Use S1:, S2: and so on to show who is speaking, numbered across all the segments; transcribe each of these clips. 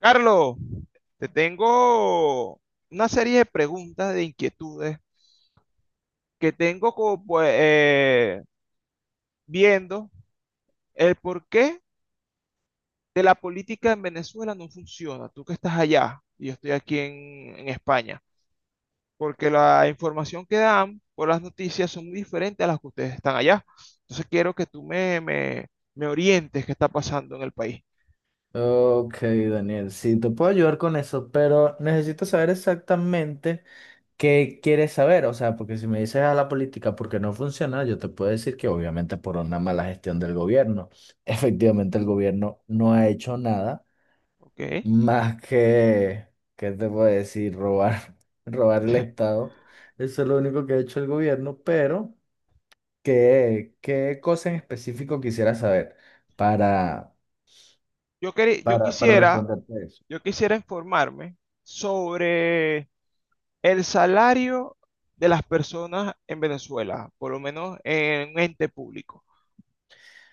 S1: Carlos, te tengo una serie de preguntas, de inquietudes que tengo como, pues, viendo el porqué de la política en Venezuela no funciona. Tú que estás allá y yo estoy aquí en España, porque la información que dan por las noticias son muy diferentes a las que ustedes están allá. Entonces quiero que tú me orientes qué está pasando en el país.
S2: Ok, Daniel, sí, te puedo ayudar con eso, pero necesito saber exactamente qué quieres saber. O sea, porque si me dices a la política porque no funciona, yo te puedo decir que obviamente por una mala gestión del gobierno. Efectivamente, el gobierno no ha hecho nada
S1: ¿Ok?
S2: más que, ¿qué te puedo decir? Robar, robar el Estado. Eso es lo único que ha hecho el gobierno, pero ¿qué cosa en específico quisieras saber para,
S1: Yo, queri- yo
S2: para
S1: quisiera,
S2: responderte eso?
S1: yo quisiera informarme sobre el salario de las personas en Venezuela, por lo menos en un ente público.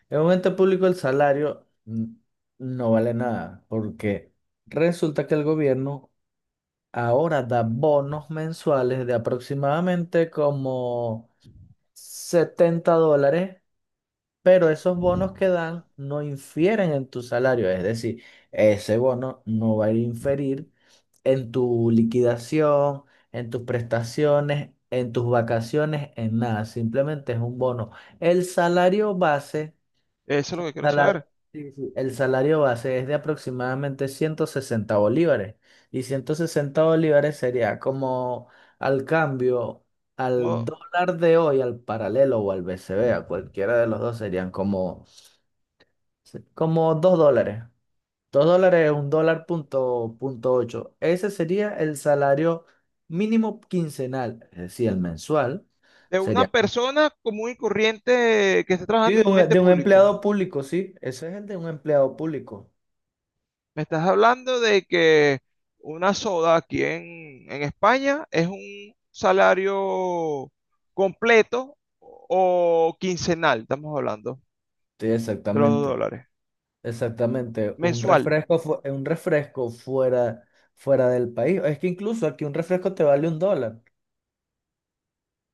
S2: En un ente público el salario no vale nada, porque resulta que el gobierno ahora da bonos mensuales de aproximadamente como $70, pero esos bonos que dan no infieren en tu salario, es decir, ese bono no va a inferir en tu liquidación, en tus prestaciones, en tus vacaciones, en nada, simplemente es un bono. El salario base.
S1: Eso es lo que quiero saber.
S2: Sala- sí, sí, el salario base es de aproximadamente 160 bolívares y 160 bolívares sería como al cambio al
S1: Como
S2: dólar de hoy, al paralelo o al BCB. A cualquiera de los dos serían como, $2. $2 es un dólar punto ocho. Ese sería el salario mínimo quincenal, es decir, el mensual
S1: de una
S2: sería
S1: persona común y corriente que esté
S2: sí,
S1: trabajando
S2: de
S1: en un
S2: un,
S1: ente
S2: de un
S1: público.
S2: empleado público, sí, ese es el de un empleado público.
S1: Me estás hablando de que una soda aquí en España es un salario completo o quincenal, estamos hablando
S2: Sí,
S1: de los dos
S2: exactamente.
S1: dólares,
S2: Exactamente, un
S1: mensual,
S2: refresco, un refresco fuera del país. Es que incluso aquí un refresco te vale $1.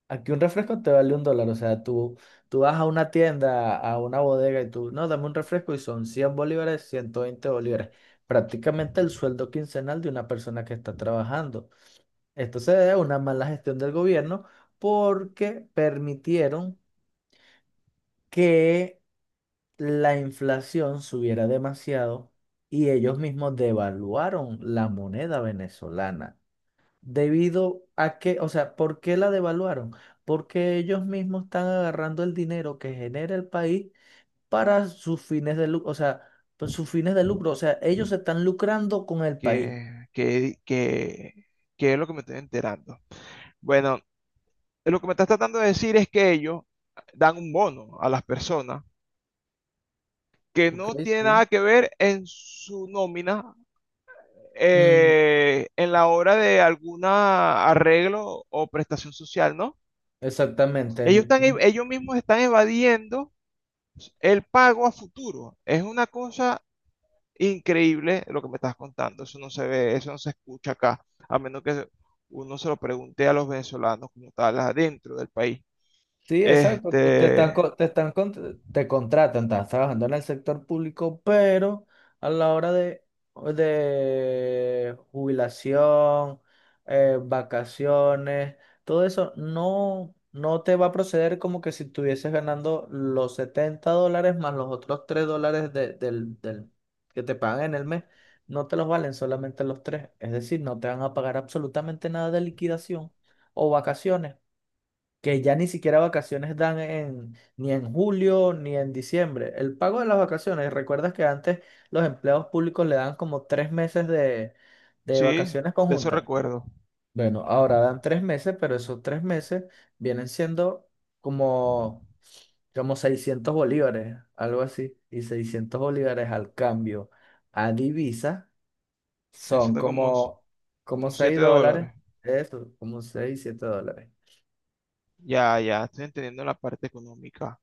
S2: Aquí un refresco te vale un dólar. O sea, tú vas a una tienda, a una bodega y tú, no, dame un refresco y son 100 bolívares, 120 bolívares. Prácticamente el sueldo quincenal de una persona que está trabajando. Esto se debe a una mala gestión del gobierno porque permitieron que la inflación subiera demasiado y ellos mismos devaluaron la moneda venezolana. Debido a que, o sea, ¿por qué la devaluaron? Porque ellos mismos están agarrando el dinero que genera el país para sus fines de lucro, o sea, pues, sus fines de lucro, o sea, ellos se están lucrando con el país.
S1: que, que, que, que es lo que me estoy enterando. Bueno, lo que me estás tratando de decir es que ellos dan un bono a las personas que
S2: Ok,
S1: no tiene
S2: sí.
S1: nada que ver en su nómina,
S2: Mm,
S1: en la hora de algún arreglo o prestación social, ¿no?
S2: exactamente.
S1: Ellos están, ellos mismos están evadiendo el pago a futuro. Es una cosa increíble lo que me estás contando. Eso no se ve, eso no se escucha acá, a menos que uno se lo pregunte a los venezolanos como tal, adentro del país.
S2: Sí, exacto. Te están,
S1: Este,
S2: te contratan, estás trabajando en el sector público, pero a la hora de, jubilación, vacaciones, todo eso no, no te va a proceder como que si estuvieses ganando los $70 más los otros $3 que te pagan en el mes. No te los valen solamente los tres. Es decir, no te van a pagar absolutamente nada de liquidación o vacaciones que ya ni siquiera vacaciones dan en, ni en julio ni en diciembre. El pago de las vacaciones, ¿recuerdas que antes los empleados públicos le dan como 3 meses de,
S1: sí,
S2: vacaciones
S1: de eso
S2: conjuntas?
S1: recuerdo.
S2: Bueno, ahora dan 3 meses, pero esos 3 meses vienen siendo como, como, 600 bolívares, algo así. Y 600 bolívares al cambio a divisa son
S1: Necesito como,
S2: como
S1: como
S2: 6
S1: 7
S2: dólares.
S1: dólares.
S2: Eso, como 6, $7.
S1: Ya, ya, estoy entendiendo la parte económica.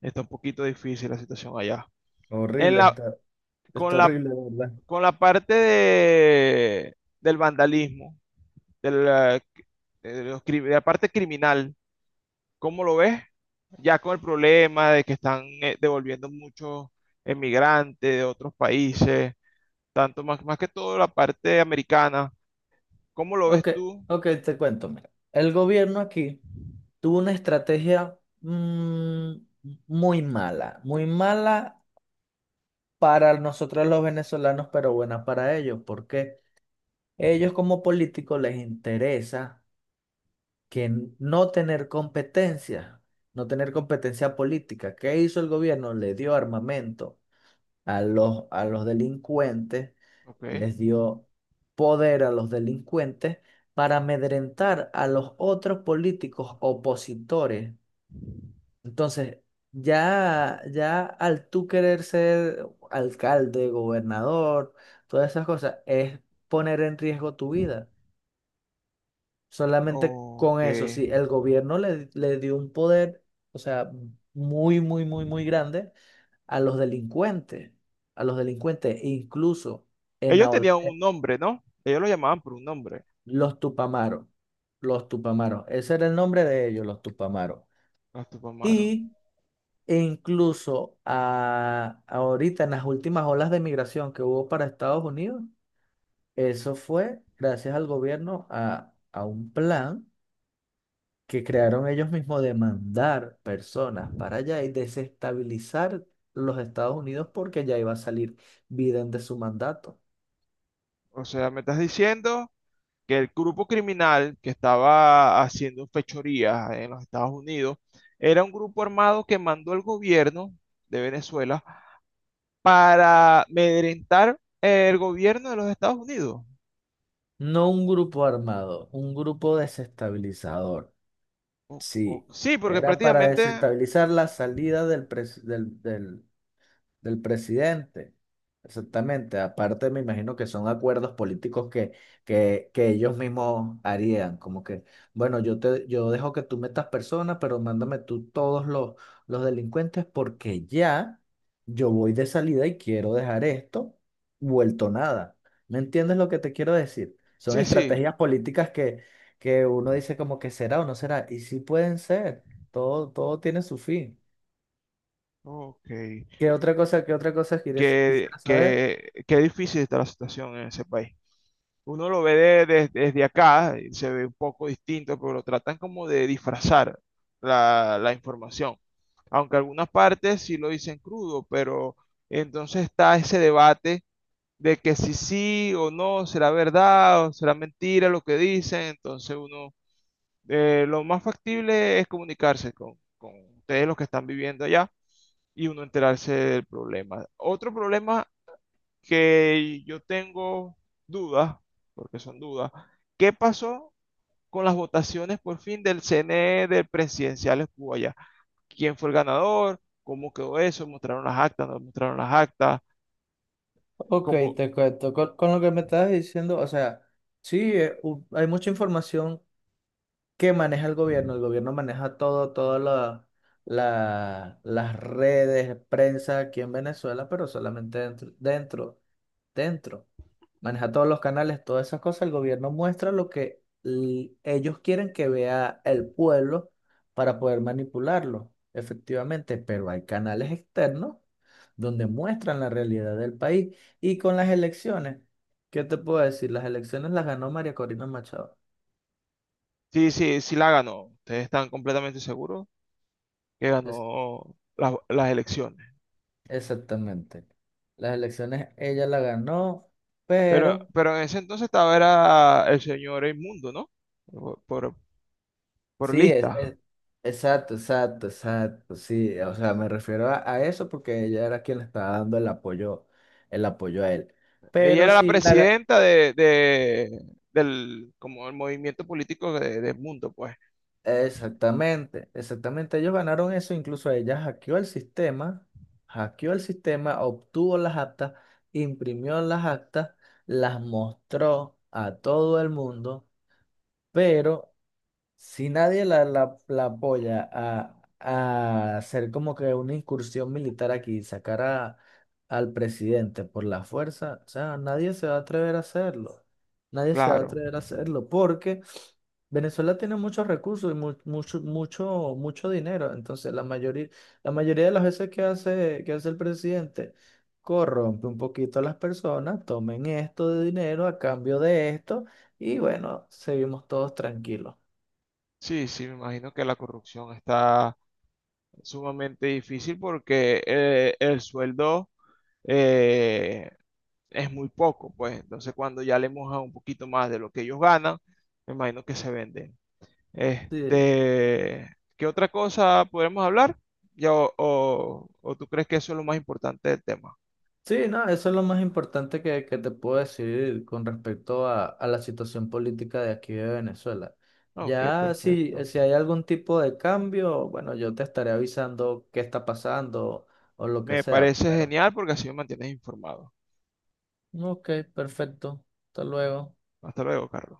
S1: Está un poquito difícil la situación allá. En
S2: Horrible
S1: la,
S2: esto.
S1: con
S2: Está
S1: la,
S2: horrible. ¿De verdad?
S1: con la parte del vandalismo, de la, de la parte criminal, ¿cómo lo ves? Ya con el problema de que están devolviendo muchos emigrantes de otros países, tanto más que todo la parte americana, ¿cómo lo ves
S2: Ok,
S1: tú?
S2: ok, te cuento. Mira. El gobierno aquí tuvo una estrategia mm, muy mala para nosotros los venezolanos, pero buena para ellos, porque ellos como políticos les interesa que no tener competencia, no tener competencia política. ¿Qué hizo el gobierno? Le dio armamento a los, delincuentes,
S1: Ok,
S2: les dio poder a los delincuentes para amedrentar a los otros políticos opositores. Entonces, ya al tú querer ser alcalde, gobernador, todas esas cosas, es poner en riesgo tu vida. Solamente con
S1: ok.
S2: eso, si el gobierno le, le dio un poder, o sea, muy, muy, muy, muy grande a los delincuentes, a los delincuentes, e incluso en
S1: Ellos
S2: la
S1: tenían
S2: eh,
S1: un nombre, ¿no? Ellos lo llamaban por un nombre,
S2: los Tupamaros, los Tupamaros, ese era el nombre de ellos, los Tupamaros.
S1: los Tupamaros.
S2: Y e incluso ahorita en las últimas olas de migración que hubo para Estados Unidos, eso fue gracias al gobierno a un plan que crearon ellos mismos de mandar personas para allá y desestabilizar los Estados Unidos porque ya iba a salir Biden de su mandato.
S1: O sea, me estás diciendo que el grupo criminal que estaba haciendo fechorías en los Estados Unidos era un grupo armado que mandó el gobierno de Venezuela para amedrentar el gobierno de los Estados Unidos.
S2: No un grupo armado, un grupo desestabilizador. Sí,
S1: Sí, porque
S2: era para
S1: prácticamente,
S2: desestabilizar la salida del presidente. Exactamente. Aparte, me imagino que son acuerdos políticos que, que ellos mismos harían. Como que, bueno, yo te, yo dejo que tú metas personas, pero mándame tú todos los delincuentes porque ya yo voy de salida y quiero dejar esto vuelto nada. ¿Me entiendes lo que te quiero decir? Son
S1: sí, sí.
S2: estrategias políticas que uno dice como que será o no será. Y sí pueden ser. Todo, todo tiene su fin.
S1: Ok.
S2: Qué otra cosa quieres,
S1: Qué,
S2: quisiera saber?
S1: qué, qué difícil está la situación en ese país. Uno lo ve desde acá, y se ve un poco distinto, pero lo tratan como de disfrazar la información. Aunque algunas partes sí lo dicen crudo, pero entonces está ese debate de que si sí o no, será verdad o será mentira lo que dicen. Entonces uno, lo más factible es comunicarse con ustedes los que están viviendo allá y uno enterarse del problema. Otro problema que yo tengo dudas, porque son dudas, ¿qué pasó con las votaciones por fin del CNE de presidenciales cuba allá? ¿Quién fue el ganador? ¿Cómo quedó eso? ¿Mostraron las actas? ¿No mostraron las actas?
S2: Ok,
S1: ¿Cómo?
S2: te cuento. Con lo que me estabas diciendo, o sea, sí, hay mucha información que maneja el gobierno. El gobierno maneja todo, todas las redes, prensa aquí en Venezuela, pero solamente dentro, dentro maneja todos los canales, todas esas cosas, el gobierno muestra lo que ellos quieren que vea el pueblo para poder manipularlo, efectivamente, pero hay canales externos donde muestran la realidad del país y con las elecciones, ¿qué te puedo decir? Las elecciones las ganó María Corina Machado.
S1: Sí, sí, sí la ganó. Ustedes están completamente seguros que
S2: Es,
S1: ganó las elecciones.
S2: Exactamente. Las elecciones ella la ganó,
S1: Pero,
S2: pero...
S1: pero en ese entonces estaba era el señor Inmundo, ¿no? Por, por, por
S2: Sí,
S1: lista.
S2: exacto, exacto, exacto, sí, o sea, me refiero a, eso porque ella era quien le estaba dando el apoyo a él.
S1: Ella
S2: Pero
S1: era la
S2: sí,
S1: presidenta del como el movimiento político del mundo, pues.
S2: exactamente, exactamente, ellos ganaron eso, incluso ella hackeó el sistema, obtuvo las actas, imprimió las actas, las mostró a todo el mundo, pero si nadie la apoya a hacer como que una incursión militar aquí, sacar al presidente por la fuerza, o sea, nadie se va a atrever a hacerlo. Nadie se va a
S1: Claro.
S2: atrever a hacerlo porque Venezuela tiene muchos recursos y mucho, mucho, mucho dinero. Entonces, la mayoría de las veces que hace, el presidente, corrompe un poquito a las personas, tomen esto de dinero a cambio de esto y bueno, seguimos todos tranquilos.
S1: Sí, sí, me imagino que la corrupción está sumamente difícil porque el sueldo eh, es muy poco, pues. Entonces, cuando ya le mojan un poquito más de lo que ellos ganan, me imagino que se venden.
S2: Sí,
S1: Este, ¿qué otra cosa podemos hablar? Ya, o tú crees que eso es lo más importante del tema?
S2: sí, no, eso es lo más importante que te puedo decir con respecto a, la situación política de aquí de Venezuela.
S1: Ok,
S2: Ya si,
S1: perfecto.
S2: si hay algún tipo de cambio, bueno, yo te estaré avisando qué está pasando o lo que
S1: Me
S2: sea,
S1: parece
S2: pero...
S1: genial porque así me mantienes informado.
S2: Ok, perfecto. Hasta luego.
S1: Hasta luego, Carlos.